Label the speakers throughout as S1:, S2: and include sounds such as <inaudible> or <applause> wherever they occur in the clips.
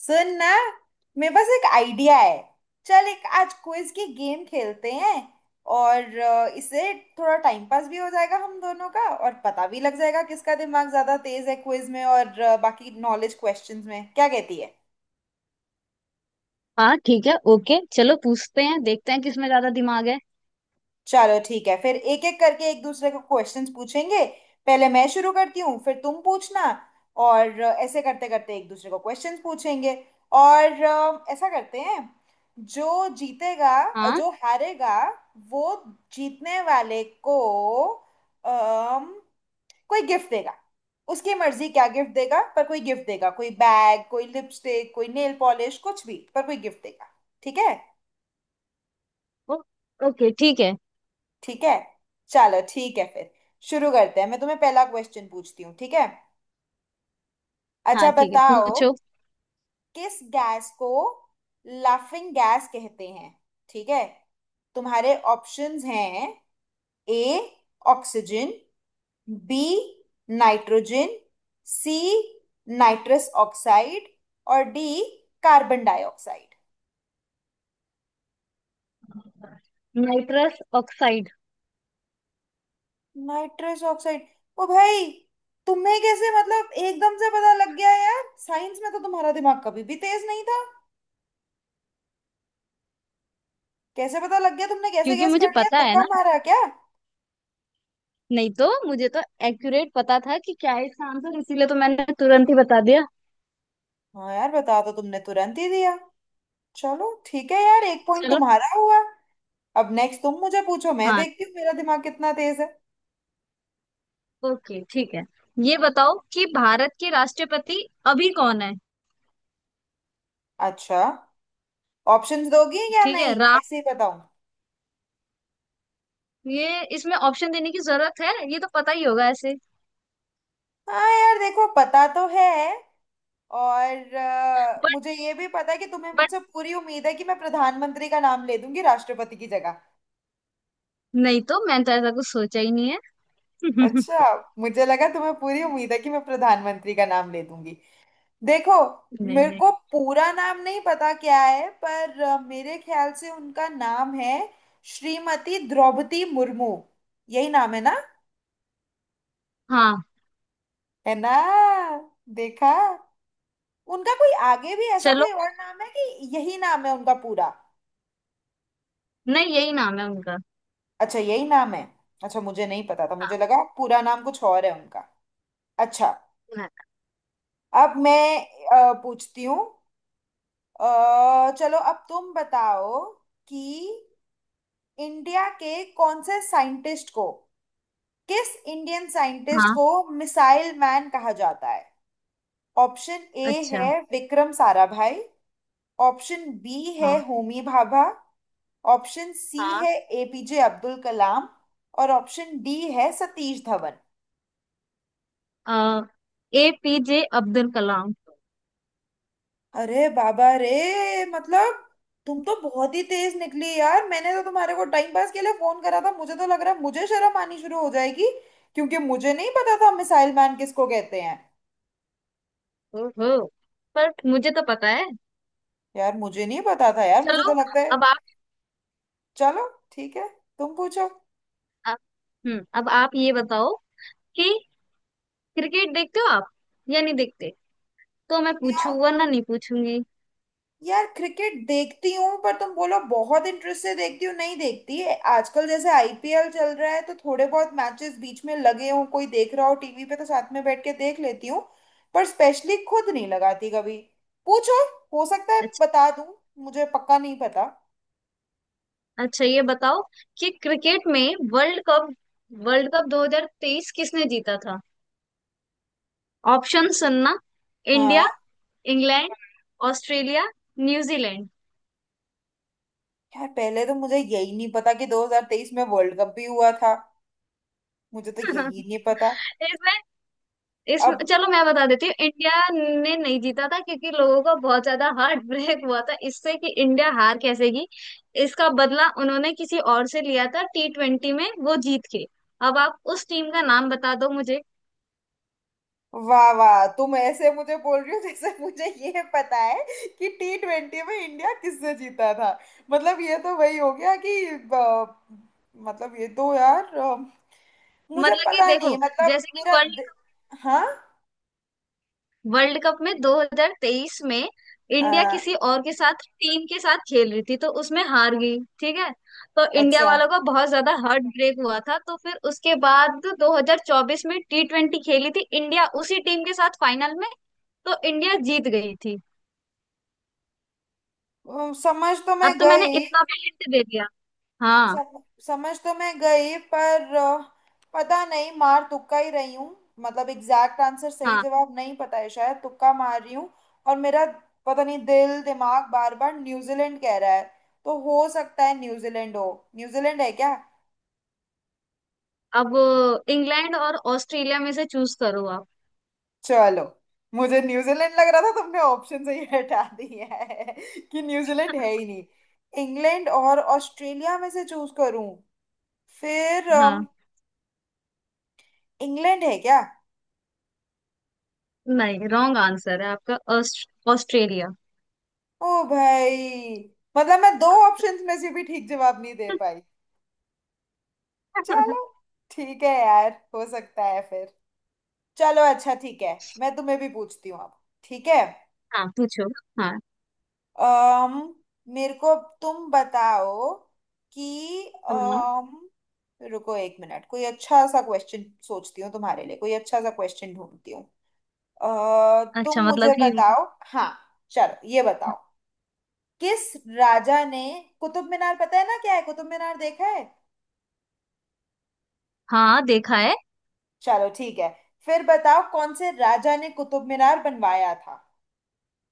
S1: सुन ना, मेरे पास एक आइडिया है। चल, एक आज क्विज की गेम खेलते हैं। और इससे थोड़ा टाइम पास भी हो जाएगा हम दोनों का, और पता भी लग जाएगा किसका दिमाग ज्यादा तेज है क्विज में और बाकी नॉलेज क्वेश्चंस में, क्या कहती है?
S2: हाँ ठीक है। ओके चलो पूछते हैं देखते हैं किसमें ज्यादा दिमाग है।
S1: चलो ठीक है फिर, एक एक करके एक दूसरे को क्वेश्चंस पूछेंगे। पहले मैं शुरू करती हूँ, फिर तुम पूछना। और ऐसे करते करते एक दूसरे को क्वेश्चंस पूछेंगे। और ऐसा करते हैं, जो जीतेगा,
S2: हाँ।
S1: जो हारेगा वो, जीतने वाले को अम, कोई गिफ्ट देगा। उसकी मर्जी क्या गिफ्ट देगा, पर कोई गिफ्ट देगा। कोई बैग, कोई लिपस्टिक, कोई नेल पॉलिश, कुछ भी, पर कोई गिफ्ट देगा। ठीक है।
S2: ओ, ओके ठीक है।
S1: ठीक है, चलो ठीक है फिर शुरू करते हैं। मैं तुम्हें पहला क्वेश्चन पूछती हूँ, ठीक है? अच्छा,
S2: हाँ ठीक है
S1: बताओ।
S2: पूछो।
S1: किस गैस को लाफिंग गैस कहते हैं? ठीक है, तुम्हारे ऑप्शंस हैं। A, oxygen. B, nitrogen. C, nitrous oxide. और D, carbon dioxide.
S2: Nitrous oxide.
S1: Nitrous oxide? ओ भाई, तुम्हें कैसे, मतलब एकदम से पता लग गया यार! साइंस में तो तुम्हारा दिमाग कभी भी तेज नहीं था। कैसे पता लग गया, तुमने कैसे
S2: क्योंकि
S1: गैस
S2: मुझे
S1: कर लिया,
S2: पता है
S1: तुक्का
S2: ना।
S1: मारा क्या?
S2: नहीं तो मुझे तो एक्यूरेट पता था कि क्या है इसका आंसर, इसीलिए तो मैंने तुरंत ही बता दिया।
S1: हाँ यार, बता तो तुमने तुरंत ही दिया। चलो ठीक है यार, एक पॉइंट
S2: चलो।
S1: तुम्हारा हुआ। अब नेक्स्ट तुम मुझे पूछो, मैं
S2: हाँ
S1: देखती हूँ मेरा दिमाग कितना तेज है।
S2: ओके ठीक है। ये बताओ कि भारत के राष्ट्रपति अभी कौन है।
S1: अच्छा, ऑप्शंस दोगी या
S2: ठीक है
S1: नहीं,
S2: राम।
S1: ऐसे ही बताऊँ?
S2: ये इसमें ऑप्शन देने की जरूरत है, ये तो पता ही होगा ऐसे।
S1: हाँ यार, देखो पता तो है। और
S2: बट
S1: मुझे ये भी पता है कि तुम्हें
S2: बट
S1: मुझसे पूरी उम्मीद है कि मैं प्रधानमंत्री का नाम ले दूंगी राष्ट्रपति की जगह।
S2: नहीं तो मैंने तो ऐसा कुछ सोचा ही नहीं है।
S1: अच्छा,
S2: <laughs>
S1: मुझे लगा तुम्हें पूरी उम्मीद है कि मैं प्रधानमंत्री का नाम ले दूंगी। देखो,
S2: नहीं
S1: मेरे
S2: नहीं।
S1: को पूरा नाम नहीं पता क्या है, पर मेरे ख्याल से उनका नाम है श्रीमती द्रौपदी मुर्मू। यही नाम है ना?
S2: हाँ।
S1: है ना? देखा! उनका कोई आगे भी ऐसा
S2: चलो।
S1: कोई और नाम है, कि यही नाम है उनका पूरा?
S2: नहीं यही नाम है उनका।
S1: अच्छा, यही नाम है। अच्छा, मुझे नहीं पता था, मुझे
S2: हाँ
S1: लगा पूरा नाम कुछ और है उनका। अच्छा।
S2: सुना था।
S1: अब मैं पूछती हूँ। चलो, अब तुम बताओ कि इंडिया के कौन से साइंटिस्ट को किस इंडियन साइंटिस्ट
S2: हाँ।
S1: को मिसाइल मैन कहा जाता है? ऑप्शन ए
S2: अच्छा।
S1: है विक्रम साराभाई। ऑप्शन बी है
S2: हाँ
S1: होमी भाभा। ऑप्शन सी
S2: हाँ।
S1: है एपीजे अब्दुल कलाम। और ऑप्शन डी है सतीश धवन।
S2: आ, APJ अब्दुल कलाम।
S1: अरे बाबा रे, मतलब तुम तो बहुत ही तेज निकली यार! मैंने तो तुम्हारे को टाइम पास के लिए फोन करा था, मुझे तो लग रहा है मुझे शर्म आनी शुरू हो जाएगी। क्योंकि मुझे नहीं पता था मिसाइल मैन किसको कहते हैं।
S2: ओहो। पर मुझे तो पता है।
S1: यार मुझे नहीं पता था यार, मुझे तो
S2: चलो।
S1: लगता है।
S2: अब आप।
S1: चलो ठीक है, तुम पूछो।
S2: अब- अब आप ये बताओ कि क्रिकेट देखते हो आप या नहीं देखते। तो मैं पूछूं वरना नहीं पूछूंगी।
S1: यार क्रिकेट देखती हूँ, पर तुम बोलो बहुत इंटरेस्ट से देखती हूँ, नहीं देखती है। आजकल जैसे आईपीएल चल रहा है तो थोड़े बहुत मैचेस बीच में लगे हों, कोई देख रहा हो टीवी पे, तो साथ में बैठ के देख लेती हूँ। पर स्पेशली खुद नहीं लगाती कभी। पूछो, हो सकता है
S2: अच्छा।
S1: बता दूँ। मुझे पक्का नहीं पता।
S2: अच्छा ये बताओ कि क्रिकेट में वर्ल्ड कप 2023 किसने जीता था। ऑप्शन सुनना।
S1: हाँ।
S2: India, England, Australia, New Zealand.
S1: यार पहले तो मुझे यही नहीं पता कि 2023 में वर्ल्ड कप भी हुआ था। मुझे तो यही नहीं पता।
S2: इसमें इसमें
S1: अब
S2: चलो मैं बता देती हूँ। इंडिया ने नहीं जीता था क्योंकि लोगों का बहुत ज्यादा हार्ट <laughs> ब्रेक हुआ था इससे कि इंडिया हार कैसे गई। इसका बदला उन्होंने किसी और से लिया था, T20 में वो जीत के। अब आप उस टीम का नाम बता दो मुझे।
S1: वाह वाह, तुम ऐसे मुझे बोल रही हो जैसे <laughs> मुझे ये पता है कि T20 में इंडिया किससे जीता था। मतलब ये तो वही हो गया कि मतलब ये तो यार मुझे
S2: मतलब कि
S1: पता नहीं,
S2: देखो,
S1: मतलब
S2: जैसे कि वर्ल्ड
S1: हाँ।
S2: वर्ल्ड कप में 2023 में
S1: अ,
S2: इंडिया किसी और के साथ टीम के साथ खेल रही थी तो उसमें हार गई ठीक है। तो इंडिया
S1: अच्छा।
S2: वालों का बहुत ज्यादा हार्ट ब्रेक हुआ था, तो फिर उसके बाद 2024 में T20 खेली थी इंडिया उसी टीम के साथ फाइनल में। तो इंडिया जीत गई थी।
S1: समझ तो मैं
S2: अब तो मैंने
S1: गई।
S2: इतना भी हिंट दे दिया। हाँ।
S1: सम, समझ तो मैं गई पर पता नहीं, मार तुक्का ही रही हूँ, मतलब एग्जैक्ट आंसर सही
S2: हाँ।
S1: जवाब नहीं पता है, शायद तुक्का मार रही हूँ। और मेरा, पता नहीं, दिल दिमाग बार बार न्यूजीलैंड कह रहा है, तो हो सकता है न्यूजीलैंड हो। न्यूजीलैंड है क्या?
S2: अब इंग्लैंड और ऑस्ट्रेलिया में से चूज करो आप।
S1: चलो, मुझे न्यूजीलैंड लग रहा था, तुमने ऑप्शन से ही हटा दिया है <laughs> कि न्यूजीलैंड है
S2: <laughs>
S1: ही नहीं। इंग्लैंड और ऑस्ट्रेलिया में से चूज करूं? फिर
S2: हाँ।
S1: इंग्लैंड है क्या?
S2: नहीं रॉन्ग आंसर है आपका। ऑस्ट्रेलिया।
S1: ओ भाई, मतलब मैं दो ऑप्शंस में से भी ठीक जवाब नहीं दे पाई। चलो
S2: <laughs>
S1: ठीक है यार, हो सकता है फिर। चलो, अच्छा ठीक है। मैं तुम्हें भी पूछती हूँ अब, ठीक है।
S2: हाँ पूछो। हाँ।
S1: अम मेरे को, तुम बताओ कि
S2: हाँ।
S1: अम रुको एक मिनट, कोई अच्छा सा क्वेश्चन सोचती हूँ तुम्हारे लिए, कोई अच्छा सा क्वेश्चन ढूंढती हूँ। तुम
S2: अच्छा मतलब
S1: मुझे
S2: कि।
S1: बताओ। हाँ, चलो ये बताओ, किस राजा ने कुतुब मीनार, पता है ना क्या है कुतुब मीनार, देखा है?
S2: हाँ देखा है।
S1: चलो ठीक है फिर, बताओ कौन से राजा ने कुतुब मीनार बनवाया था।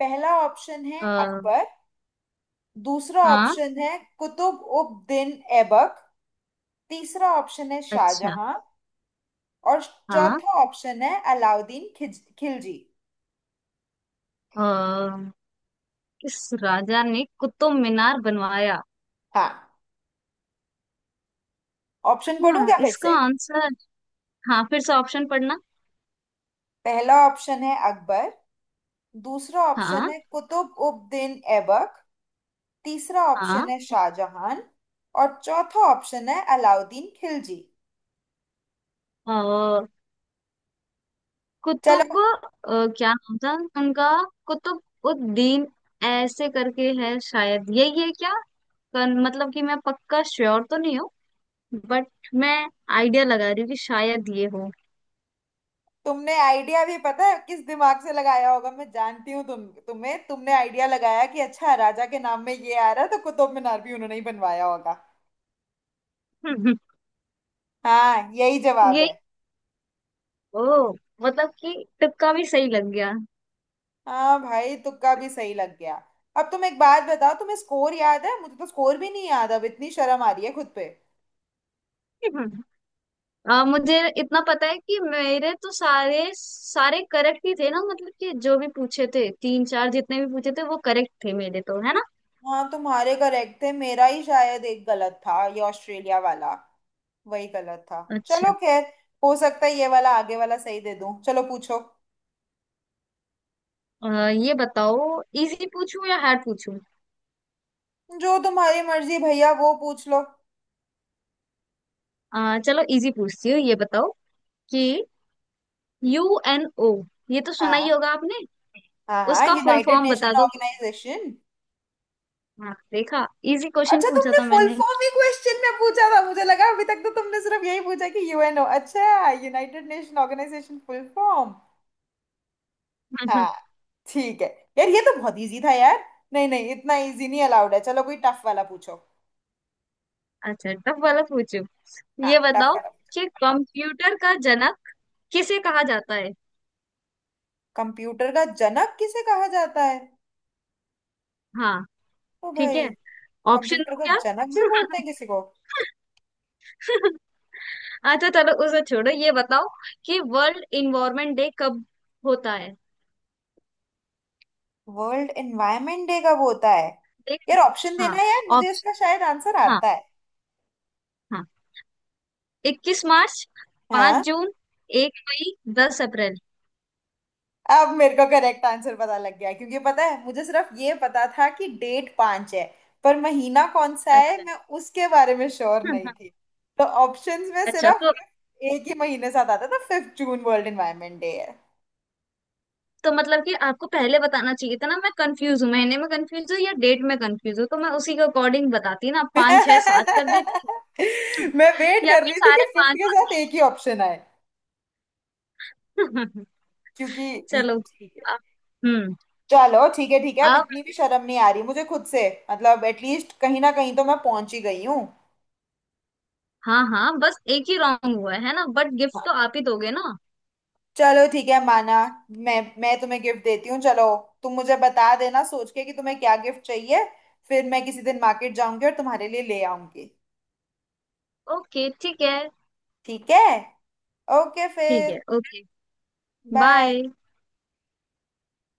S1: पहला ऑप्शन है
S2: आ,
S1: अकबर। दूसरा
S2: हाँ।
S1: ऑप्शन है कुतुब उद दीन ऐबक। तीसरा ऑप्शन है
S2: अच्छा।
S1: शाहजहां। और
S2: हाँ।
S1: चौथा ऑप्शन है अलाउद्दीन खिज खिलजी।
S2: अ, किस राजा ने कुतुब मीनार बनवाया।
S1: हाँ, ऑप्शन पढ़ूं
S2: हाँ,
S1: क्या फिर
S2: इसका
S1: से?
S2: आंसर। हाँ फिर से ऑप्शन पढ़ना।
S1: पहला ऑप्शन है अकबर। दूसरा ऑप्शन
S2: हाँ।
S1: है कुतुब उद दीन ऐबक। तीसरा ऑप्शन
S2: हाँ।
S1: है शाहजहां। और चौथा ऑप्शन है अलाउद्दीन खिलजी।
S2: अ,
S1: चलो,
S2: कुतुब। क्या नाम था उनका। कुतुब उद्दीन ऐसे करके है, शायद यही है क्या। मतलब कि मैं पक्का श्योर तो नहीं हूँ। बट मैं आइडिया लगा रही हूँ कि शायद ये हो।
S1: तुमने आइडिया भी पता है किस दिमाग से लगाया होगा, मैं जानती हूँ। तुमने आइडिया लगाया कि अच्छा, राजा के नाम में ये आ रहा है, तो कुतुब मीनार भी उन्होंने ही बनवाया होगा।
S2: <laughs>
S1: हाँ, यही जवाब
S2: यही।
S1: है।
S2: ओ मतलब कि तुक्का भी सही लग गया।
S1: हाँ भाई, तुक्का भी सही लग गया। अब तुम एक बात बताओ, तुम्हें स्कोर याद है? मुझे तो स्कोर भी नहीं याद, अब इतनी शर्म आ रही है खुद पे।
S2: <laughs> मुझे इतना पता है कि मेरे तो सारे सारे करेक्ट ही थे ना। मतलब कि जो भी पूछे थे, तीन चार जितने भी पूछे थे, वो करेक्ट थे मेरे तो है ना।
S1: हाँ, तुम्हारे करेक्ट थे, मेरा ही शायद एक गलत था ये ऑस्ट्रेलिया वाला, वही गलत था। चलो
S2: अच्छा।
S1: खैर, हो सकता है ये वाला, आगे वाला, सही दे दूं। चलो पूछो।
S2: ये बताओ इजी पूछूं या हार्ड पूछूं।
S1: जो तुम्हारी मर्जी भैया, वो पूछ लो।
S2: चलो इजी पूछती हूँ। ये बताओ कि UNO, ये तो सुना ही
S1: हाँ।
S2: होगा आपने।
S1: हाँ हाँ,
S2: उसका फुल
S1: यूनाइटेड
S2: फॉर्म बता
S1: नेशन
S2: दो।
S1: ऑर्गेनाइजेशन।
S2: हाँ देखा। इजी क्वेश्चन
S1: अच्छा,
S2: पूछा
S1: तुमने
S2: था
S1: फुल
S2: मैंने।
S1: फॉर्म ही क्वेश्चन में पूछा था, मुझे लगा अभी तक तो तुमने सिर्फ यही पूछा कि यूएनओ। अच्छा, United Nation Organisation full form. हाँ,
S2: <laughs>
S1: ठीक है। यार ये तो बहुत इजी था यार, नहीं नहीं इतना इजी नहीं अलाउड है, चलो कोई टफ वाला पूछो।
S2: अच्छा टफ वाला पूछू।
S1: हाँ,
S2: ये
S1: टफ
S2: बताओ
S1: वाला।
S2: कि कंप्यूटर का जनक किसे कहा जाता है।
S1: कंप्यूटर का जनक किसे कहा जाता है?
S2: हाँ
S1: ओ
S2: ठीक
S1: भाई,
S2: है। ऑप्शन
S1: कंप्यूटर
S2: दो
S1: का
S2: क्या।
S1: जनक भी बोलते हैं किसी को?
S2: <laughs> अच्छा चलो उसे छोड़ो। ये बताओ कि वर्ल्ड इन्वायरमेंट डे कब होता है।
S1: वर्ल्ड एनवायरनमेंट डे कब होता है?
S2: देख।
S1: यार ऑप्शन
S2: हाँ
S1: देना यार, मुझे इसका
S2: ऑप्शन।
S1: शायद आंसर
S2: हाँ।
S1: आता है।
S2: हाँ। 21 मार्च, पांच
S1: हाँ।
S2: जून 1 मई, 10 अप्रैल।
S1: अब मेरे को करेक्ट आंसर पता लग गया, क्योंकि पता है, मुझे सिर्फ ये पता था कि डेट पांच है, पर महीना कौन सा है
S2: अच्छा।
S1: मैं उसके बारे में श्योर नहीं थी।
S2: <laughs>
S1: तो ऑप्शंस में
S2: अच्छा
S1: सिर्फ
S2: तो।
S1: एक ही महीने साथ आता था, 5 जून वर्ल्ड एनवायरनमेंट डे है।
S2: तो मतलब कि आपको पहले बताना चाहिए था ना, मैं कंफ्यूज हूँ महीने में कंफ्यूज हूँ या डेट में कंफ्यूज हूँ, तो मैं उसी के अकॉर्डिंग बताती ना,
S1: <laughs>
S2: पाँच छह सात कर देती। <laughs>
S1: मैं वेट
S2: या
S1: कर
S2: फिर
S1: रही थी कि
S2: सारे
S1: फिफ्थ
S2: पांच।
S1: के साथ एक ही ऑप्शन आए,
S2: <laughs> पांच।
S1: क्योंकि
S2: चलो।
S1: ठीक है।
S2: अ- हम्म
S1: चलो ठीक है, ठीक है, अब
S2: अब।
S1: इतनी भी शर्म नहीं आ रही मुझे खुद से, मतलब एटलीस्ट कहीं ना कहीं तो मैं पहुंच ही गई हूँ।
S2: हाँ हाँ बस एक ही रॉन्ग हुआ है ना, बट गिफ्ट तो आप ही दोगे ना।
S1: चलो ठीक है, माना। मैं तुम्हें गिफ्ट देती हूँ। चलो, तुम मुझे बता देना सोच के कि तुम्हें क्या गिफ्ट चाहिए, फिर मैं किसी दिन मार्केट जाऊंगी और तुम्हारे लिए ले आऊंगी।
S2: ओके ठीक है।
S1: ठीक है। ओके
S2: ठीक है
S1: फिर,
S2: ओके।
S1: बाय।
S2: बाय।